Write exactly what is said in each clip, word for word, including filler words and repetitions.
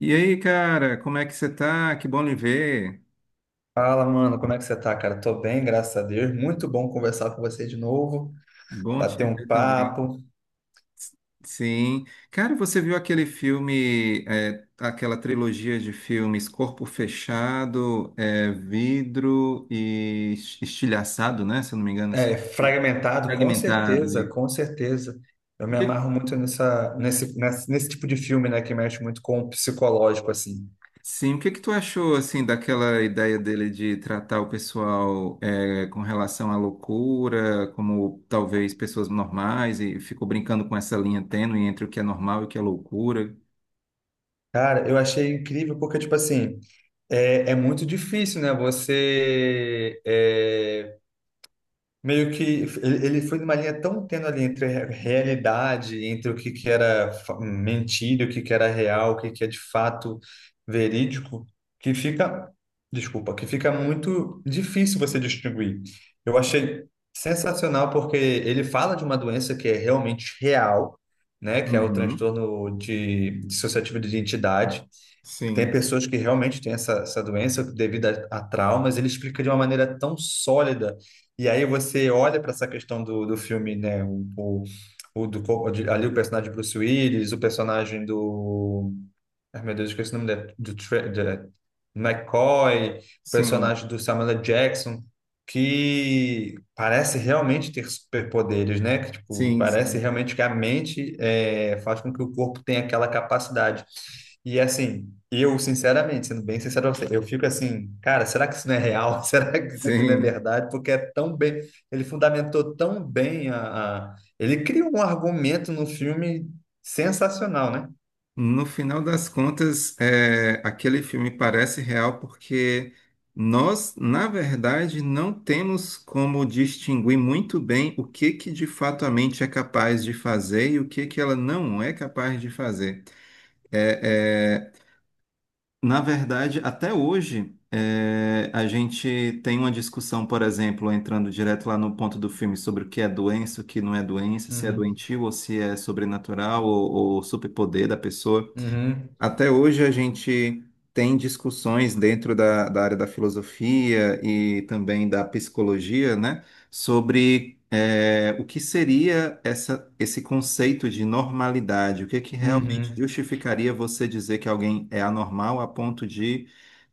E aí, cara, como é que você tá? Que bom lhe ver. Fala, mano, como é que você tá, cara? Tô bem, graças a Deus. Muito bom conversar com você de novo, Bom bater te um ver também. papo. Sim. Cara, você viu aquele filme, é, aquela trilogia de filmes Corpo Fechado, é, Vidro e Estilhaçado, né? Se eu não me engano, assim. É, fragmentado, com Fragmentado. certeza, com certeza. Eu O me que amarro muito nessa, nesse, nesse, nesse tipo de filme, né, que mexe muito com o psicológico, assim. Sim, o que que tu achou assim daquela ideia dele de tratar o pessoal é, com relação à loucura, como talvez pessoas normais, e ficou brincando com essa linha tênue entre o que é normal e o que é loucura? Cara, eu achei incrível porque, tipo assim, é, é muito difícil, né, você é, meio que ele ele foi numa linha tão tênue ali entre a realidade, entre o que que era fa- mentira, o que que era real, o que que é de fato verídico, que fica, desculpa, que fica muito difícil você distinguir. Eu achei sensacional porque ele fala de uma doença que é realmente real, né, que é o Uhum. transtorno de dissociativo de identidade, tem Sim, pessoas que realmente têm essa, essa doença devido a, a traumas, ele explica de uma maneira tão sólida. E aí você olha para essa questão do, do filme, né? O, o, o do, co- de- ali o personagem de Bruce Willis. O personagem do Ai, meu Deus, eu esqueci o nome dele. Do Tra- de- McCoy, sim, personagem do Samuel L. Jackson, que parece realmente ter superpoderes, né? Que, tipo, sim, parece sim, realmente que a mente é, faz com que o corpo tenha aquela capacidade. E assim, eu, sinceramente, sendo bem sincero, pra você, eu fico assim, cara, será que isso não é real? Será que isso aqui não é sim. verdade? Porque é tão bem, ele fundamentou tão bem a, a- ele criou um argumento no filme sensacional, né? No final das contas, é, aquele filme parece real porque nós, na verdade, não temos como distinguir muito bem o que que de fato a mente é capaz de fazer e o que que ela não é capaz de fazer. É, é, na verdade, até hoje, é, a gente tem uma discussão, por exemplo, entrando direto lá no ponto do filme sobre o que é doença, o que não é doença, se é Uhum. doentio ou se é sobrenatural ou, ou superpoder da pessoa. Uhum. Até hoje a gente tem discussões dentro da, da área da filosofia e também da psicologia, né, sobre eh, o que seria essa, esse conceito de normalidade, o que que realmente Uhum, justificaria você dizer que alguém é anormal a ponto de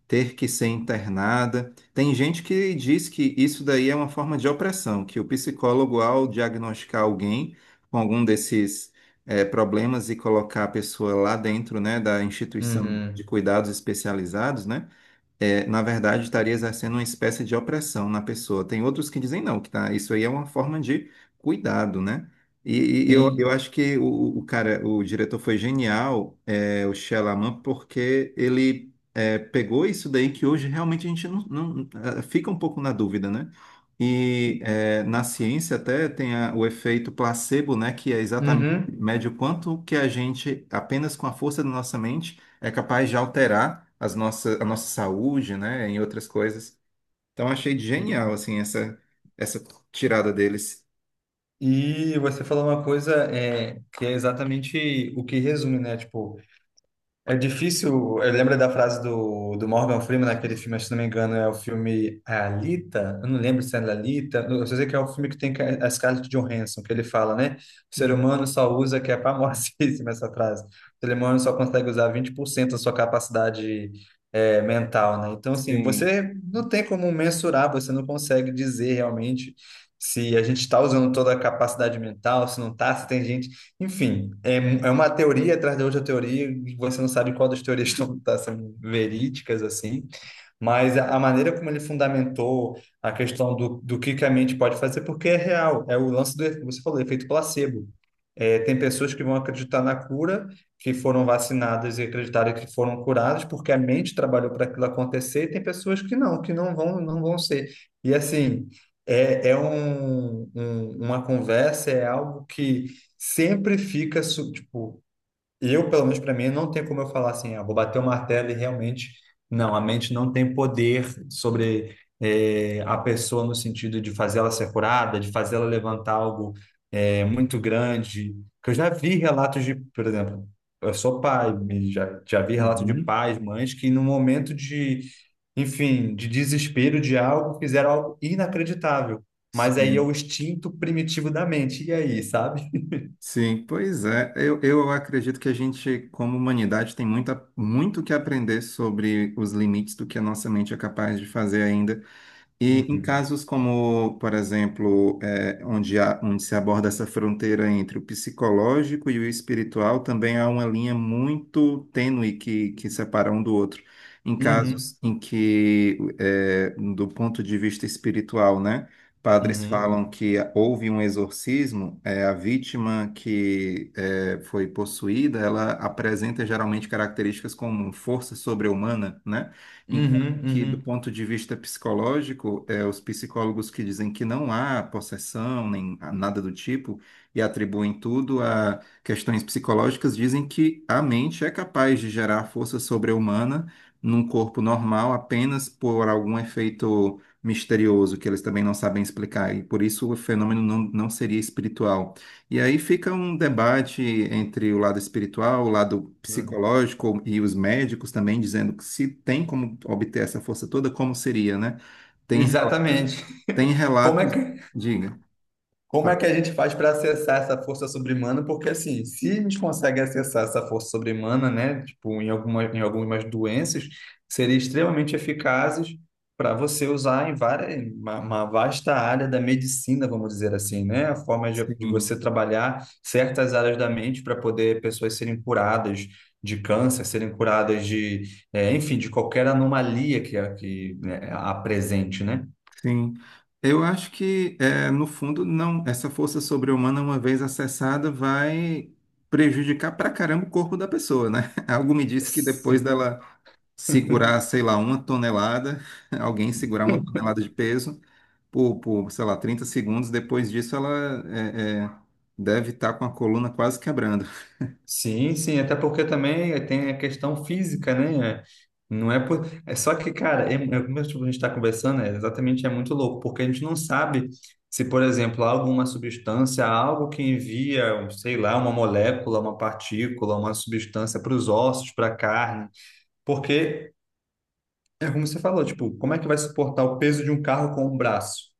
ter que ser internada. Tem gente que diz que isso daí é uma forma de opressão, que o psicólogo, ao diagnosticar alguém com algum desses eh, problemas e colocar a pessoa lá dentro, né, da instituição de uhum. cuidados especializados, né? É, na verdade, estaria exercendo uma espécie de opressão na pessoa. Tem outros que dizem não, que tá, isso aí é uma forma de cuidado, né? E, e eu, eu Sim. acho que o, o cara, o diretor foi genial, é, o Shyamalan, porque ele é, pegou isso daí que hoje realmente a gente não, não- ah, fica um pouco na dúvida, né? E é, na ciência até tem a- o efeito placebo, né? Que é exatamente Uhum. mede o quanto que a gente, apenas com a força da nossa mente, é capaz de alterar as nossa, a nossa saúde, né, em outras coisas. Então achei genial E, assim essa essa tirada deles. e você falou uma coisa é, que é exatamente o que resume, né? Tipo, é difícil. Eu lembro da frase do, do Morgan Freeman naquele filme, se não me engano, é o filme é Alita. Eu não lembro se é Alita. Eu só sei que é o filme que tem que- é a Scarlett Johansson, que ele fala, né? O ser Hum. humano só usa, que é famosíssima essa frase. O ser humano só consegue usar vinte por cento da sua capacidade é, mental, né? Então, assim, Sim. você não tem como mensurar, você não consegue dizer realmente se a gente está usando toda a capacidade mental, se não está, se tem gente enfim, é, é uma teoria atrás da outra teoria, e você não sabe qual das teorias estão tá sendo verídicas, assim. Mas a a maneira como ele fundamentou a questão do, do que que a mente pode fazer, porque é real, é o lance do, efe- você falou, efeito placebo. É, tem pessoas que vão acreditar na cura, que foram vacinadas e acreditaram que foram curadas, porque a mente trabalhou para aquilo acontecer, e tem pessoas que não, que não vão, não vão ser. E assim, é, é um, um- uma conversa, é algo que sempre fica, su- tipo, eu, pelo menos para mim, não tem como eu falar assim, ah, vou bater o martelo e realmente. Não, a mente não tem poder sobre eh, a pessoa no sentido de fazê-la ser curada, de fazê-la levantar algo eh, muito grande. Que eu já vi relatos de, por exemplo, eu sou pai, e já, já vi relatos de Uhum. pais, mães que no momento de, enfim, de desespero de algo, fizeram algo inacreditável. Mas aí é o Sim. instinto primitivo da mente. E aí, sabe? Sim, pois é. Eu, eu acredito que a gente, como humanidade, tem muita, muito que aprender sobre os limites do que a nossa mente é capaz de fazer ainda. E em Uhum. casos como, por exemplo, eh, onde há- onde se aborda essa fronteira entre o psicológico e o espiritual, também há uma linha muito tênue que, que separa um do outro. Em Uhum. casos em que, eh, do ponto de vista espiritual, né, padres Uhum. falam que houve um exorcismo, eh, a vítima que eh, foi possuída, ela apresenta geralmente características como força sobre-humana, né? Enquanto que, do Uhum, ponto de vista psicológico, é, os psicólogos que dizem que não há possessão, nem há nada do tipo, e atribuem tudo a questões psicológicas, dizem que a mente é capaz de gerar força sobre-humana num corpo normal apenas por algum efeito misterioso que eles também não sabem explicar, e por isso o fenômeno não, não seria espiritual. E aí fica um debate entre o lado espiritual, o lado uhum. psicológico e os médicos também dizendo que se tem como obter essa força toda, como seria, né? Tem relatos, Exatamente. tem Como é relatos, que, diga. Tá, como é que a gente faz para acessar essa força sobre-humana? Porque, assim, se a gente consegue acessar essa força sobre-humana, né, tipo, em alguma, em algumas doenças, seria extremamente eficazes para você usar em várias, em uma, uma vasta área da medicina, vamos dizer assim, né? A forma de, de sim, você trabalhar certas áreas da mente para poder pessoas serem curadas de câncer, serem curadas de, eh, enfim, de qualquer anomalia que, a- que né, apresente, né? sim. Eu acho que é, no fundo não, essa força sobre-humana uma vez acessada vai prejudicar pra caramba o corpo da pessoa, né? Algo me disse que depois dela segurar, sei lá, uma tonelada, alguém segurar uma tonelada de peso por, por, sei lá, trinta segundos. Depois disso, ela é, é, deve estar com a coluna quase quebrando. Sim, sim, até porque também tem a questão física, né? Não é por... É só que, cara, é, é como tipo, a gente está conversando, é exatamente é muito louco, porque a gente não sabe se, por exemplo, há alguma substância, há algo que envia, um, sei lá, uma molécula, uma partícula, uma substância para os ossos, para a carne, porque é como você falou, tipo, como é que vai suportar o peso de um carro com um braço?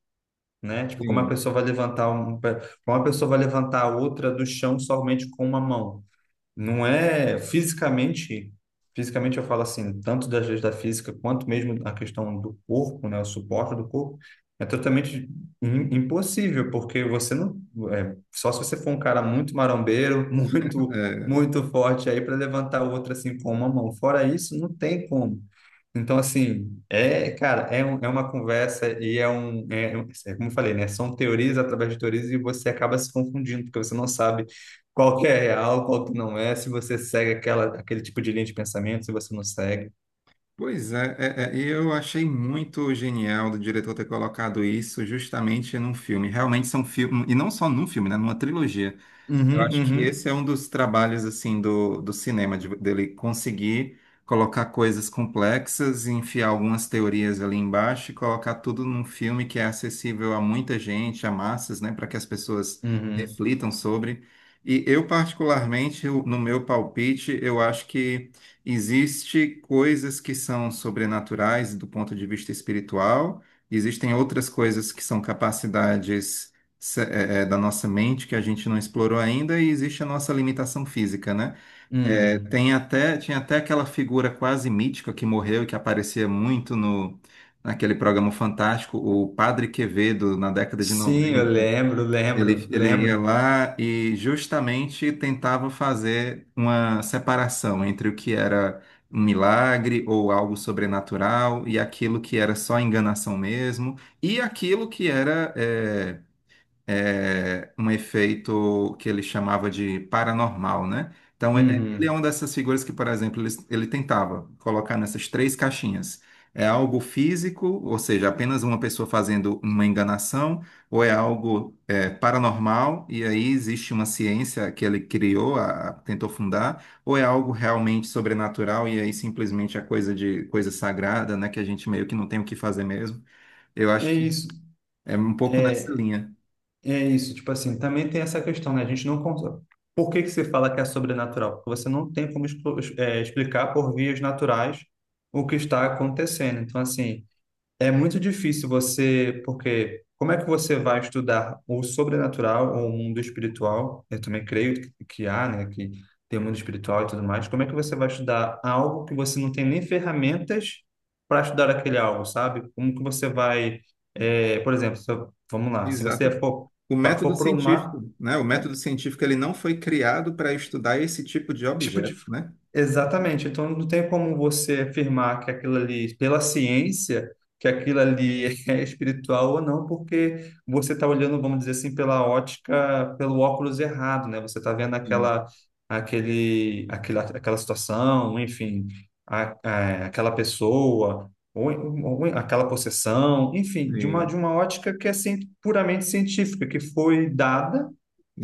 Né? Tipo, como a Sim. pessoa vai levantar um, como a pessoa vai levantar a outra do chão somente com uma mão? Não é fisicamente, fisicamente eu falo assim, tanto das leis da física quanto mesmo a questão do corpo, né, o suporte do corpo, é totalmente im- impossível, porque você não, é, só se você for um cara muito marombeiro, muito, É, muito forte aí para levantar o outro assim com uma mão. Fora isso, não tem como. Então, assim, é, cara, é, um- é uma conversa e é um, é, é um- é como eu falei, né? São teorias através de teorias e você acaba se confundindo, porque você não sabe qual que é real, qual que não é, se você segue aquela, aquele tipo de linha de pensamento, se você não segue. pois é, é, é, e eu achei muito genial do diretor ter colocado isso justamente num filme. Realmente são filmes, e não só num filme, né, numa trilogia. Eu Uhum, acho que uhum, esse é um dos trabalhos assim do, do cinema, de- dele conseguir colocar coisas complexas e enfiar algumas teorias ali embaixo e colocar tudo num filme que é acessível a muita gente, a massas, né, para que as pessoas uhum, reflitam sobre. E eu, particularmente, eu- no meu palpite, eu acho que existe coisas que são sobrenaturais do ponto de vista espiritual, existem outras coisas que são capacidades se- é, é, da nossa mente que a gente não explorou ainda e existe a nossa limitação física, né? É, uhum. tem até, tinha até aquela figura quase mítica que morreu e que aparecia muito no, naquele programa fantástico, o Padre Quevedo, na década de Sim, eu noventa. lembro, Ele, lembro, ele ia lembro. lá e justamente tentava fazer uma separação entre o que era um milagre ou algo sobrenatural e aquilo que era só enganação mesmo e aquilo que era é, é, um efeito que ele chamava de paranormal, né? Então, é- ele é Uhum. uma dessas figuras que, por exemplo, ele, ele tentava colocar nessas três caixinhas. É algo físico, ou seja, apenas uma pessoa fazendo uma enganação, ou é algo é, paranormal, e aí existe uma ciência que ele criou, a- a- tentou fundar, ou é algo realmente sobrenatural, e aí simplesmente é coisa de coisa sagrada, né? Que a gente meio que não tem o que fazer mesmo. Eu acho É que isso. é um pouco nessa É, linha. é isso, tipo assim, também tem essa questão, né? A gente não consegue. Por que que se fala que é sobrenatural? Porque você não tem como explo- é, explicar por vias naturais o que está acontecendo. Então, assim, é muito difícil você, porque como é que você vai estudar o sobrenatural ou o mundo espiritual? Eu também creio que que há, né, que tem o mundo espiritual e tudo mais. Como é que você vai estudar algo que você não tem nem ferramentas para estudar aquele algo, sabe? Como que você vai, eh, por exemplo, se eu- vamos lá, se você Exata. for, O método for para científico, né? O método científico ele não foi criado para estudar esse tipo de tipo objeto, de... né? Exatamente. Então, não tem como você afirmar que aquilo ali, pela ciência, que aquilo ali é espiritual ou não, porque você está olhando, vamos dizer assim, pela ótica, pelo óculos errado, né? Você está vendo Sim, aquela, aquele, aquela, aquela situação, enfim, a, a- aquela pessoa, ou, ou aquela possessão, enfim, de uma, de sim, uma ótica que é cien- puramente científica, que foi dada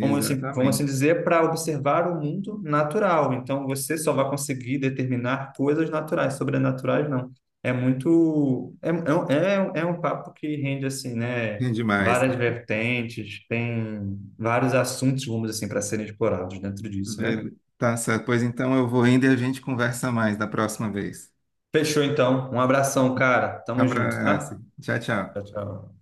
vamos assim, vamos assim dizer, para observar o mundo natural. Então, você só vai conseguir determinar coisas naturais, sobrenaturais não. É muito, é, é, um- é um papo que rende assim, né? É demais. Várias vertentes, tem vários assuntos, vamos assim, para serem explorados dentro disso, né? Ver- Tá certo. Pois então eu vou indo e a gente conversa mais da próxima vez. Fechou então. Um abração, cara. Tamo junto, Abraço. tá? Tchau, tchau. Tchau, tchau.